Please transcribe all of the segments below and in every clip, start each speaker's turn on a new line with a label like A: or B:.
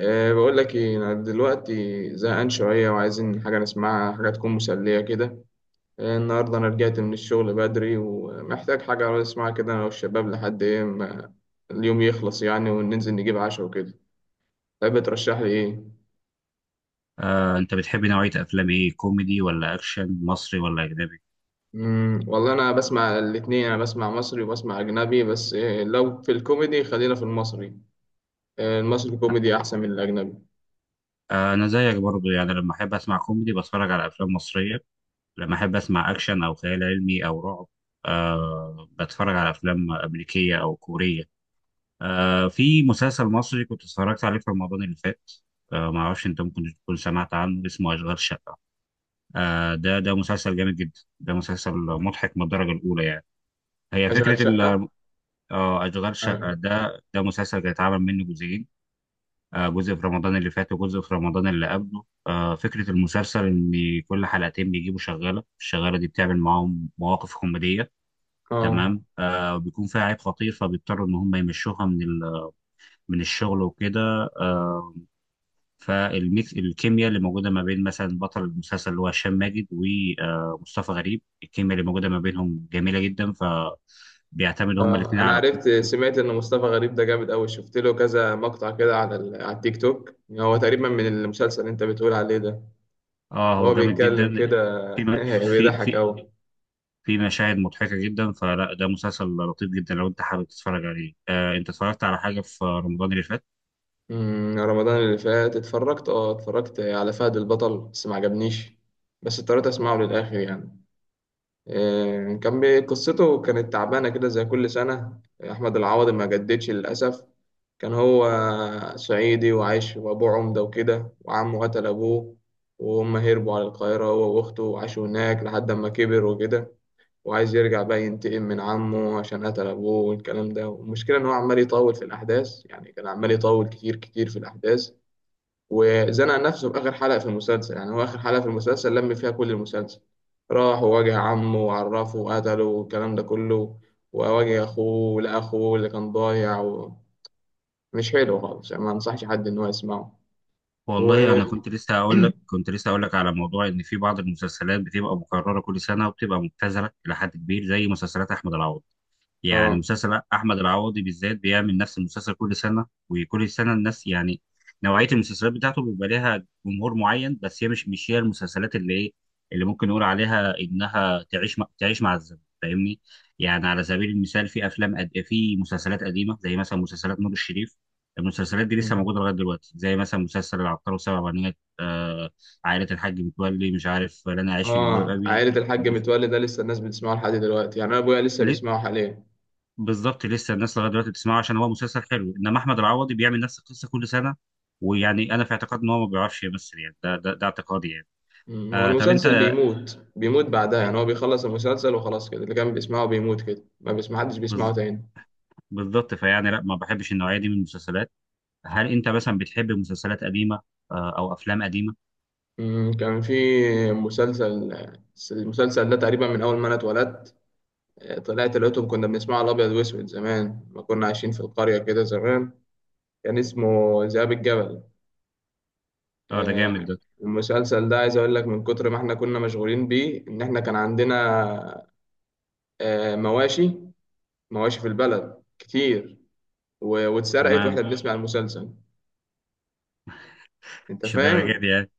A: بقول لك ايه، انا دلوقتي زهقان شويه وعايزين حاجه نسمعها، حاجه تكون مسليه كده. النهارده انا رجعت من الشغل بدري ومحتاج حاجه اسمعها كده انا والشباب لحد ما اليوم يخلص يعني، وننزل نجيب عشاء وكده. تحب ترشح لي ايه؟
B: انت بتحب نوعية افلام ايه، كوميدي ولا اكشن، مصري ولا اجنبي؟
A: والله انا بسمع الاتنين، انا بسمع مصري وبسمع اجنبي، بس لو في الكوميدي خلينا في المصري. المصري كوميدي احسن من الاجنبي.
B: انا زيك برضو، يعني لما احب اسمع كوميدي بتفرج على افلام مصرية. لما احب اسمع اكشن او خيال علمي او رعب، بتفرج على افلام امريكية او كورية. في مسلسل مصري كنت اتفرجت عليه في رمضان اللي فات. ما اعرفش، انت ممكن تكون سمعت عنه، اسمه اشغال شقة. ده مسلسل جامد جدا، ده مسلسل مضحك من الدرجة الاولى يعني. هي
A: اشغال
B: فكرة
A: شقه.
B: ال- اشغال شقة،
A: أنا-
B: ده مسلسل هيتعمل منه جزئين. جزء في رمضان اللي فات وجزء في رمضان اللي قبله. فكرة المسلسل إن كل حلقتين بيجيبوا شغالة، الشغالة دي بتعمل معاهم مواقف كوميدية.
A: اه،
B: تمام. بيكون فيها عيب خطير فبيضطروا إن هم يمشوها من الشغل وكده. فالميكس الكيمياء اللي موجوده ما بين مثلا بطل المسلسل اللي هو هشام ماجد ومصطفى غريب، الكيمياء اللي موجوده ما بينهم جميله جدا، بيعتمدوا هما
A: اه،
B: الاثنين
A: انا
B: على...
A: عرفت، سمعت ان مصطفى غريب ده جامد قوي، شفت له كذا مقطع كده على على التيك توك، هو تقريبا من المسلسل اللي انت بتقول عليه ده.
B: اه، هو
A: هو
B: جامد
A: بيتكلم
B: جدا.
A: كده.
B: في في
A: بيضحك
B: في
A: قوي.
B: في مشاهد مضحكة جدا. فلا، ده مسلسل لطيف جدا لو انت حابب تتفرج عليه. انت اتفرجت على حاجة في رمضان اللي فات؟
A: رمضان اللي فات اتفرجت على فهد البطل بس ما عجبنيش. بس اضطريت اسمعه للاخر يعني. إيه، قصته كانت تعبانه كده زي كل سنه. احمد العوضي ما جددش للاسف. كان هو صعيدي وعايش وأبوه عمدة وكده، وعمه قتل أبوه. وهم هربوا على القاهرة هو وأخته وعاشوا هناك لحد ما كبر وكده. وعايز يرجع بقى ينتقم من عمه عشان قتل أبوه والكلام ده. والمشكلة إن هو عمال يطول في الأحداث يعني، كان عمال يطول كتير كتير في الأحداث. وزنق نفسه في آخر حلقة في المسلسل. يعني هو آخر حلقة في المسلسل لم فيها كل المسلسل، راح وواجه عمه وعرفه وقتله والكلام ده كله، وواجه أخوه لأخوه اللي كان ضايع مش حلو خالص يعني، ما انصحش حد ان هو يسمعه. و،
B: والله، انا كنت لسه هقول لك، على موضوع ان في بعض المسلسلات بتبقى مكررة كل سنة وبتبقى مبتذلة الى حد كبير، زي مسلسلات احمد العوضي. يعني
A: اه،
B: مسلسل احمد العوضي بالذات بيعمل نفس المسلسل كل سنه، وكل سنه الناس يعني... نوعيه المسلسلات بتاعته بيبقى ليها جمهور معين، بس هي مش هي المسلسلات اللي ايه، اللي ممكن نقول عليها انها تعيش مع الزمن، فاهمني؟ يعني على سبيل المثال، في مسلسلات قديمه زي مثلا مسلسلات نور الشريف. المسلسلات دي لسه
A: مم.
B: موجوده لغايه دلوقتي، زي مثلا مسلسل العطار وسبع بنات، عائله الحاج متولي، مش عارف، لا، انا عايش في جلباب
A: اه، عائلة
B: ابي.
A: الحاج متولي ده لسه الناس بتسمعه لحد دلوقتي يعني، انا ابويا لسه بيسمعه حاليا.
B: بالظبط، لسه الناس لغايه دلوقتي بتسمعه عشان هو مسلسل حلو. انما احمد العوضي بيعمل نفس القصه كل سنه. ويعني انا في اعتقاد ان هو ما بيعرفش يمثل، يعني ده اعتقادي يعني.
A: هو
B: طب
A: المسلسل
B: انت،
A: بيموت، بيموت بعدها
B: انت
A: يعني، هو بيخلص المسلسل وخلاص كده، اللي كان بيسمعه بيموت كده، ما بيسمع حدش بيسمعه
B: بز-
A: تاني.
B: بالظبط. فيعني لا، ما بحبش النوعيه دي من المسلسلات. هل انت مثلا بتحب مسلسلات قديمه او افلام قديمه؟
A: كان في مسلسل المسلسل ده تقريبا من اول ما انا اتولدت. طلعت لقيتهم كنا بنسمعه الابيض واسود زمان، ما كنا عايشين في القرية كده زمان. كان اسمه ذئاب الجبل.
B: اه، ده جامد
A: آه،
B: ده.
A: المسلسل ده عايز اقول لك من كتر ما احنا كنا مشغولين بيه ان احنا كان عندنا مواشي، مواشي في البلد كتير. واتسرقت واحنا
B: تمام.
A: بنسمع المسلسل. انت
B: مش درجه
A: فاهم؟
B: دي يعني.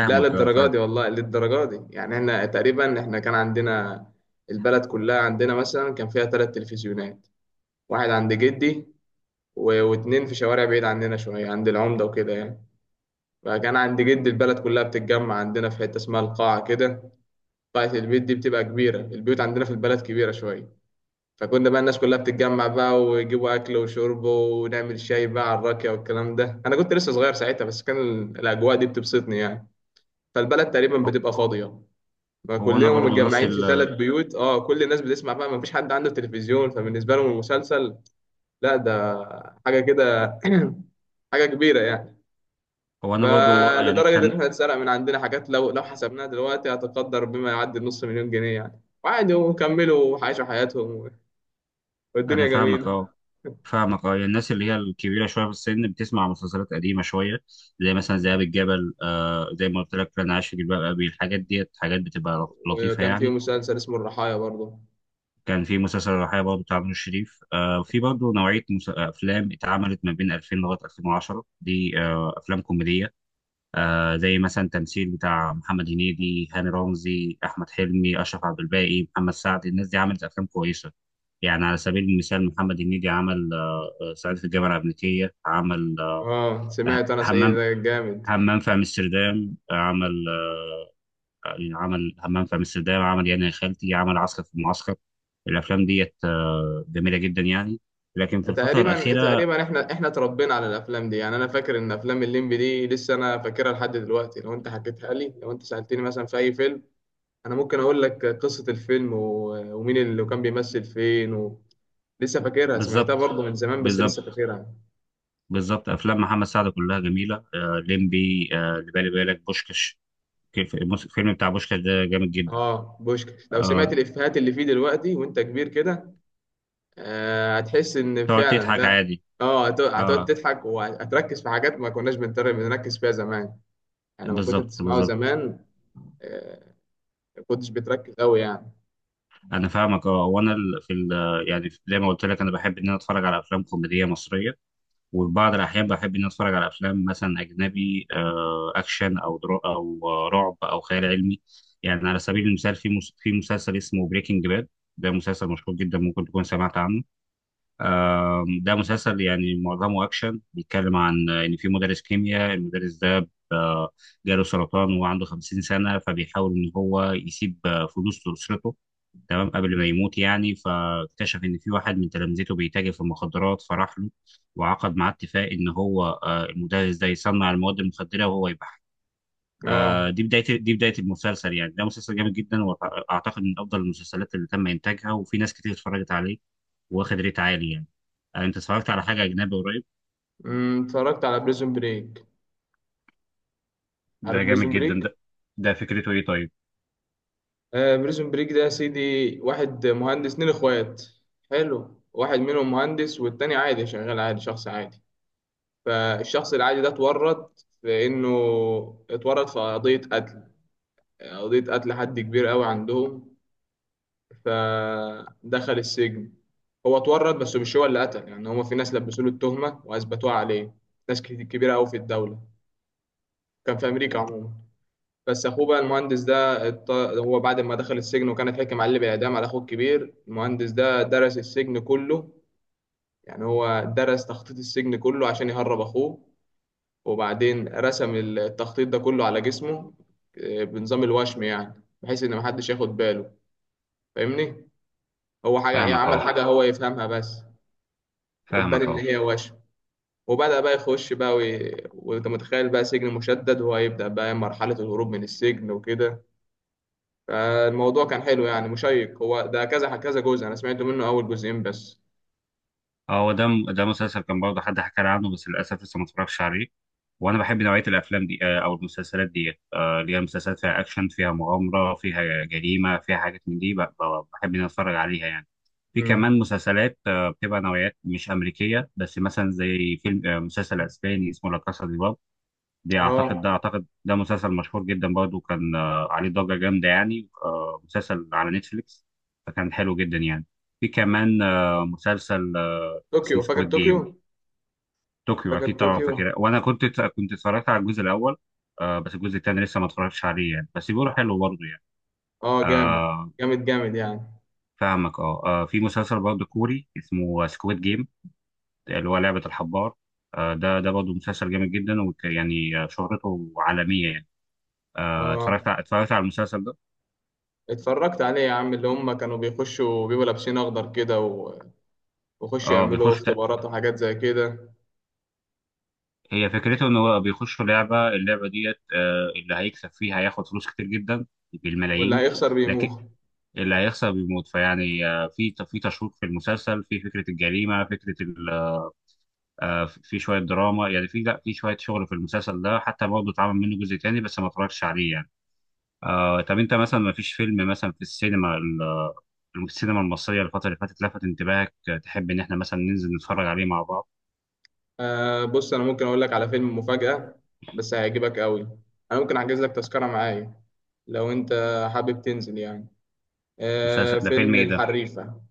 A: لا،
B: اه،
A: للدرجه
B: فاهمك.
A: دي والله، للدرجه دي يعني، احنا تقريبا، احنا كان عندنا البلد كلها. عندنا مثلا كان فيها ثلاث تلفزيونات، واحد عند جدي واتنين في شوارع بعيد عننا شويه عند العمده وكده يعني. فكان عند جدي البلد كلها بتتجمع عندنا في حته اسمها القاعه كده، بتاعت البيت دي بتبقى كبيرة، البيوت عندنا في البلد كبيرة شوية. فكنا بقى الناس كلها بتتجمع بقى ويجيبوا أكل وشرب ونعمل شاي بقى على الراكية والكلام ده. أنا كنت لسه صغير ساعتها بس كان الأجواء دي بتبسطني يعني. فالبلد تقريبا
B: هو
A: بتبقى فاضية،
B: هو انا
A: فكلهم
B: برضو نفس
A: متجمعين في ثلاث بيوت. اه كل الناس بتسمع بقى، مفيش حد عنده تلفزيون، فبالنسبة لهم المسلسل، لا، ده حاجة كده، حاجة كبيرة يعني.
B: هو انا برضو يعني
A: فلدرجة إن
B: كان...
A: إحنا اتسرق من عندنا حاجات، لو حسبناها دلوقتي هتقدر بما يعدي النص مليون جنيه يعني، وعادي وكملوا عاشوا حياتهم
B: انا
A: والدنيا
B: فاهمك، اه،
A: جميلة.
B: فاهمك، اه، يعني الناس اللي هي الكبيره شويه في السن بتسمع مسلسلات قديمه شويه، زي مثلا ذئاب الجبل، زي ما قلت لك، انا عايش في جلباب ابي. الحاجات ديت حاجات بتبقى لطيفه
A: وكان فيه
B: يعني.
A: مسلسل اسمه الرحايا برضه.
B: كان في مسلسل الرحايا برضه، بتاع نور الشريف. في برضه نوعيه افلام اتعملت ما بين 2000 لغايه 2010 دي، افلام كوميديه. زي مثلا تمثيل بتاع محمد هنيدي، هاني رمزي، احمد حلمي، اشرف عبد الباقي، محمد سعد. الناس دي عملت افلام كويسه. يعني على سبيل المثال، محمد هنيدي عمل، صعيدي في الجامعه الامريكيه، عمل
A: اه، سمعت أنا سعيد
B: همام
A: ده جامد.
B: همام في امستردام. عمل، يعني عمل همام في امستردام، عمل يعني يا خالتي، عمل عسكر في المعسكر. الافلام ديت جميله جدا يعني. لكن في الفتره
A: تقريبا
B: الاخيره...
A: تقريبا احنا اتربينا على الافلام دي يعني. انا فاكر ان افلام الليمبي دي لسه انا فاكرها لحد دلوقتي، لو انت حكيتها لي لو انت سالتني مثلا في اي فيلم، انا ممكن اقول لك قصه الفيلم و- ومين اللي كان بيمثل فين لسه فاكرها، سمعتها
B: بالظبط،
A: برضه من زمان بس لسه
B: بالظبط،
A: فاكرها.
B: بالظبط، افلام محمد سعد كلها جميله، ليمبي، اللي بالي بالك بوشكش. الفيلم بتاع بوشكش ده جامد جدا.
A: اه، بوشكاش لو سمعت
B: آه،
A: الافيهات اللي فيه دلوقتي وانت كبير كده، آه، هتحس ان
B: تقعد
A: فعلا
B: تضحك
A: لا.
B: عادي.
A: اه، هتقعد
B: اه،
A: تضحك، وهتركز في حاجات ما كناش بنركز فيها زمان. انا ما كنت
B: بالظبط،
A: بتسمعه
B: بالظبط.
A: زمان. آه، ما كنتش بتركز قوي يعني.
B: انا فاهمك، اه، وانا ال- في ال- يعني زي ما قلت لك، انا بحب ان انا اتفرج على افلام كوميديه مصريه. وفي بعض الأحيان بحب إني أتفرج على أفلام مثلا أجنبي، أكشن أو درا أو رعب أو خيال علمي. يعني على سبيل المثال، في مسلسل اسمه بريكنج باد. ده مسلسل مشهور جدا، ممكن تكون سمعت عنه. ده مسلسل يعني معظمه أكشن، بيتكلم عن إن في مدرس كيمياء. المدرس ده جاله سرطان، وهو عنده 50 سنة، فبيحاول إن هو يسيب فلوس لأسرته. تمام، قبل ما يموت يعني. فاكتشف ان في واحد من تلامذته بيتاجر في المخدرات، فراح له وعقد معاه اتفاق ان هو المدرس ده يصنع المواد المخدره وهو يبيعها.
A: اه،
B: دي بدايه المسلسل يعني. ده مسلسل جامد جدا، واعتقد من افضل المسلسلات اللي تم انتاجها، وفي ناس كتير اتفرجت عليه. واخد ريت عالي يعني. انت اتفرجت على حاجه اجنبي قريب؟
A: اتفرجت على بريزون بريك.
B: ده
A: عارف
B: جامد
A: بريزون
B: جدا
A: بريك؟
B: ده فكرته ايه طيب؟
A: آه، بريزون بريك ده يا سيدي، واحد مهندس، اتنين اخوات، حلو، واحد منهم مهندس والتاني عادي، شغال عادي شخص عادي. فالشخص العادي ده اتورط في قضية قتل، قضية قتل حد كبير قوي عندهم، فدخل السجن. هو اتورط بس مش هو اللي قتل يعني، هما في ناس لبسوا له التهمة واثبتوها عليه، ناس كبيرة قوي في الدولة. كان في امريكا عموما. بس اخوه بقى المهندس ده هو بعد ما دخل السجن وكان اتحكم عليه بالاعدام، على اخوه الكبير، المهندس ده درس السجن كله، يعني هو درس تخطيط السجن كله عشان يهرب اخوه. وبعدين رسم التخطيط ده كله على جسمه، بنظام الوشم يعني، بحيث ان محدش ياخد باله، فاهمني، هو حاجه يعني،
B: فاهمك
A: عمل
B: اهو،
A: حاجه هو يفهمها بس، وتبان
B: فاهمك
A: ان
B: اهو.
A: هي وشم. وبدأ بقى يخش بقى وانت متخيل بقى سجن مشدد، وهيبدأ بقى مرحلة الهروب من السجن وكده. فالموضوع كان حلو يعني، مشيق. هو ده كذا كذا جزء، انا سمعت منه اول جزئين بس.
B: اه، هو ده مسلسل كان برضه حد حكى لي عنه، بس للاسف لسه ما اتفرجش عليه. وانا بحب نوعيه الافلام دي، او المسلسلات دي، اللي هي مسلسلات فيها اكشن، فيها مغامره، فيها جريمه، فيها حاجات من دي. بحب ان أنا اتفرج عليها يعني. في
A: امم
B: كمان مسلسلات، بتبقى نوعيات مش امريكيه بس، مثلا زي فيلم، مسلسل اسباني اسمه لا كاسا دي. دي اعتقد ده
A: اه،
B: اعتقد ده مسلسل مشهور جدا برضه، كان عليه ضجة جامدة يعني، مسلسل على نتفليكس. فكان حلو جدا يعني. في كمان مسلسل اسمه
A: طوكيو، فاكر
B: سكويد جيم.
A: طوكيو؟
B: طوكيو
A: فاكر
B: اكيد طبعا
A: طوكيو؟
B: فاكرها، وانا كنت اتفرجت على الجزء الاول. بس الجزء الثاني لسه ما اتفرجتش عليه يعني، بس بيقولوا حلو برضه يعني.
A: اه، جامد،
B: آه،
A: جامد جامد يعني.
B: فاهمك، اه. في مسلسل برضه كوري اسمه سكويد جيم، اللي هو لعبة الحبار. ده برضه مسلسل جامد جدا، ويعني شهرته عالمية يعني.
A: اه،
B: اتفرجت على المسلسل ده.
A: اتفرجت عليه يا عم، اللي هم كانوا بيخشوا بيبقوا لابسين اخضر كده ويخشوا
B: اه،
A: يعملوا اختبارات وحاجات زي كده.
B: هي فكرته ان هو بيخش لعبه، اللعبه ديت اللي هيكسب فيها هياخد فلوس كتير جدا،
A: واللي
B: بالملايين.
A: هيخسر
B: لكن
A: بيموت.
B: اللي هيخسر بيموت، فيعني في في تشويق في المسلسل، في فكره الجريمه، في شويه دراما يعني، في لا، في شويه شغل في المسلسل ده. حتى برضه اتعمل منه جزء تاني بس ما اتفرجتش عليه يعني. طب انت مثلا، ما فيش فيلم مثلا في السينما المصريه الفتره اللي فاتت لفت انتباهك، تحب ان احنا مثلا ننزل نتفرج عليه مع بعض؟
A: آه، بص، انا ممكن اقول لك على فيلم مفاجأة بس هيعجبك قوي، انا ممكن احجز لك تذكرة معايا لو انت حابب تنزل يعني.
B: مسلسل
A: آه،
B: ده، فيلم
A: فيلم
B: ايه ده؟
A: الحريفة.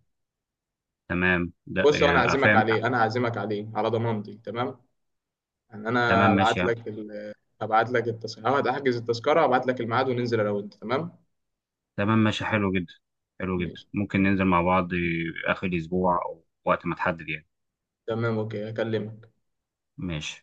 B: تمام، ده
A: بص هو، انا
B: يعني
A: هعزمك
B: فاهم.
A: عليه، انا هعزمك عليه على ضمانتي، تمام؟ يعني
B: تمام،
A: انا
B: ماشي
A: هبعت
B: يا- عم.
A: لك هبعت لك التذكرة، هحجز التذكرة، هبعت لك الميعاد، وننزل انا وانت، تمام؟
B: تمام، ماشي، حلو جدا. حلو جدا،
A: ماشي
B: ممكن ننزل مع بعض آخر الأسبوع، أو وقت ما تحدد يعني.
A: تمام، اوكي، هكلمك.
B: ماشي.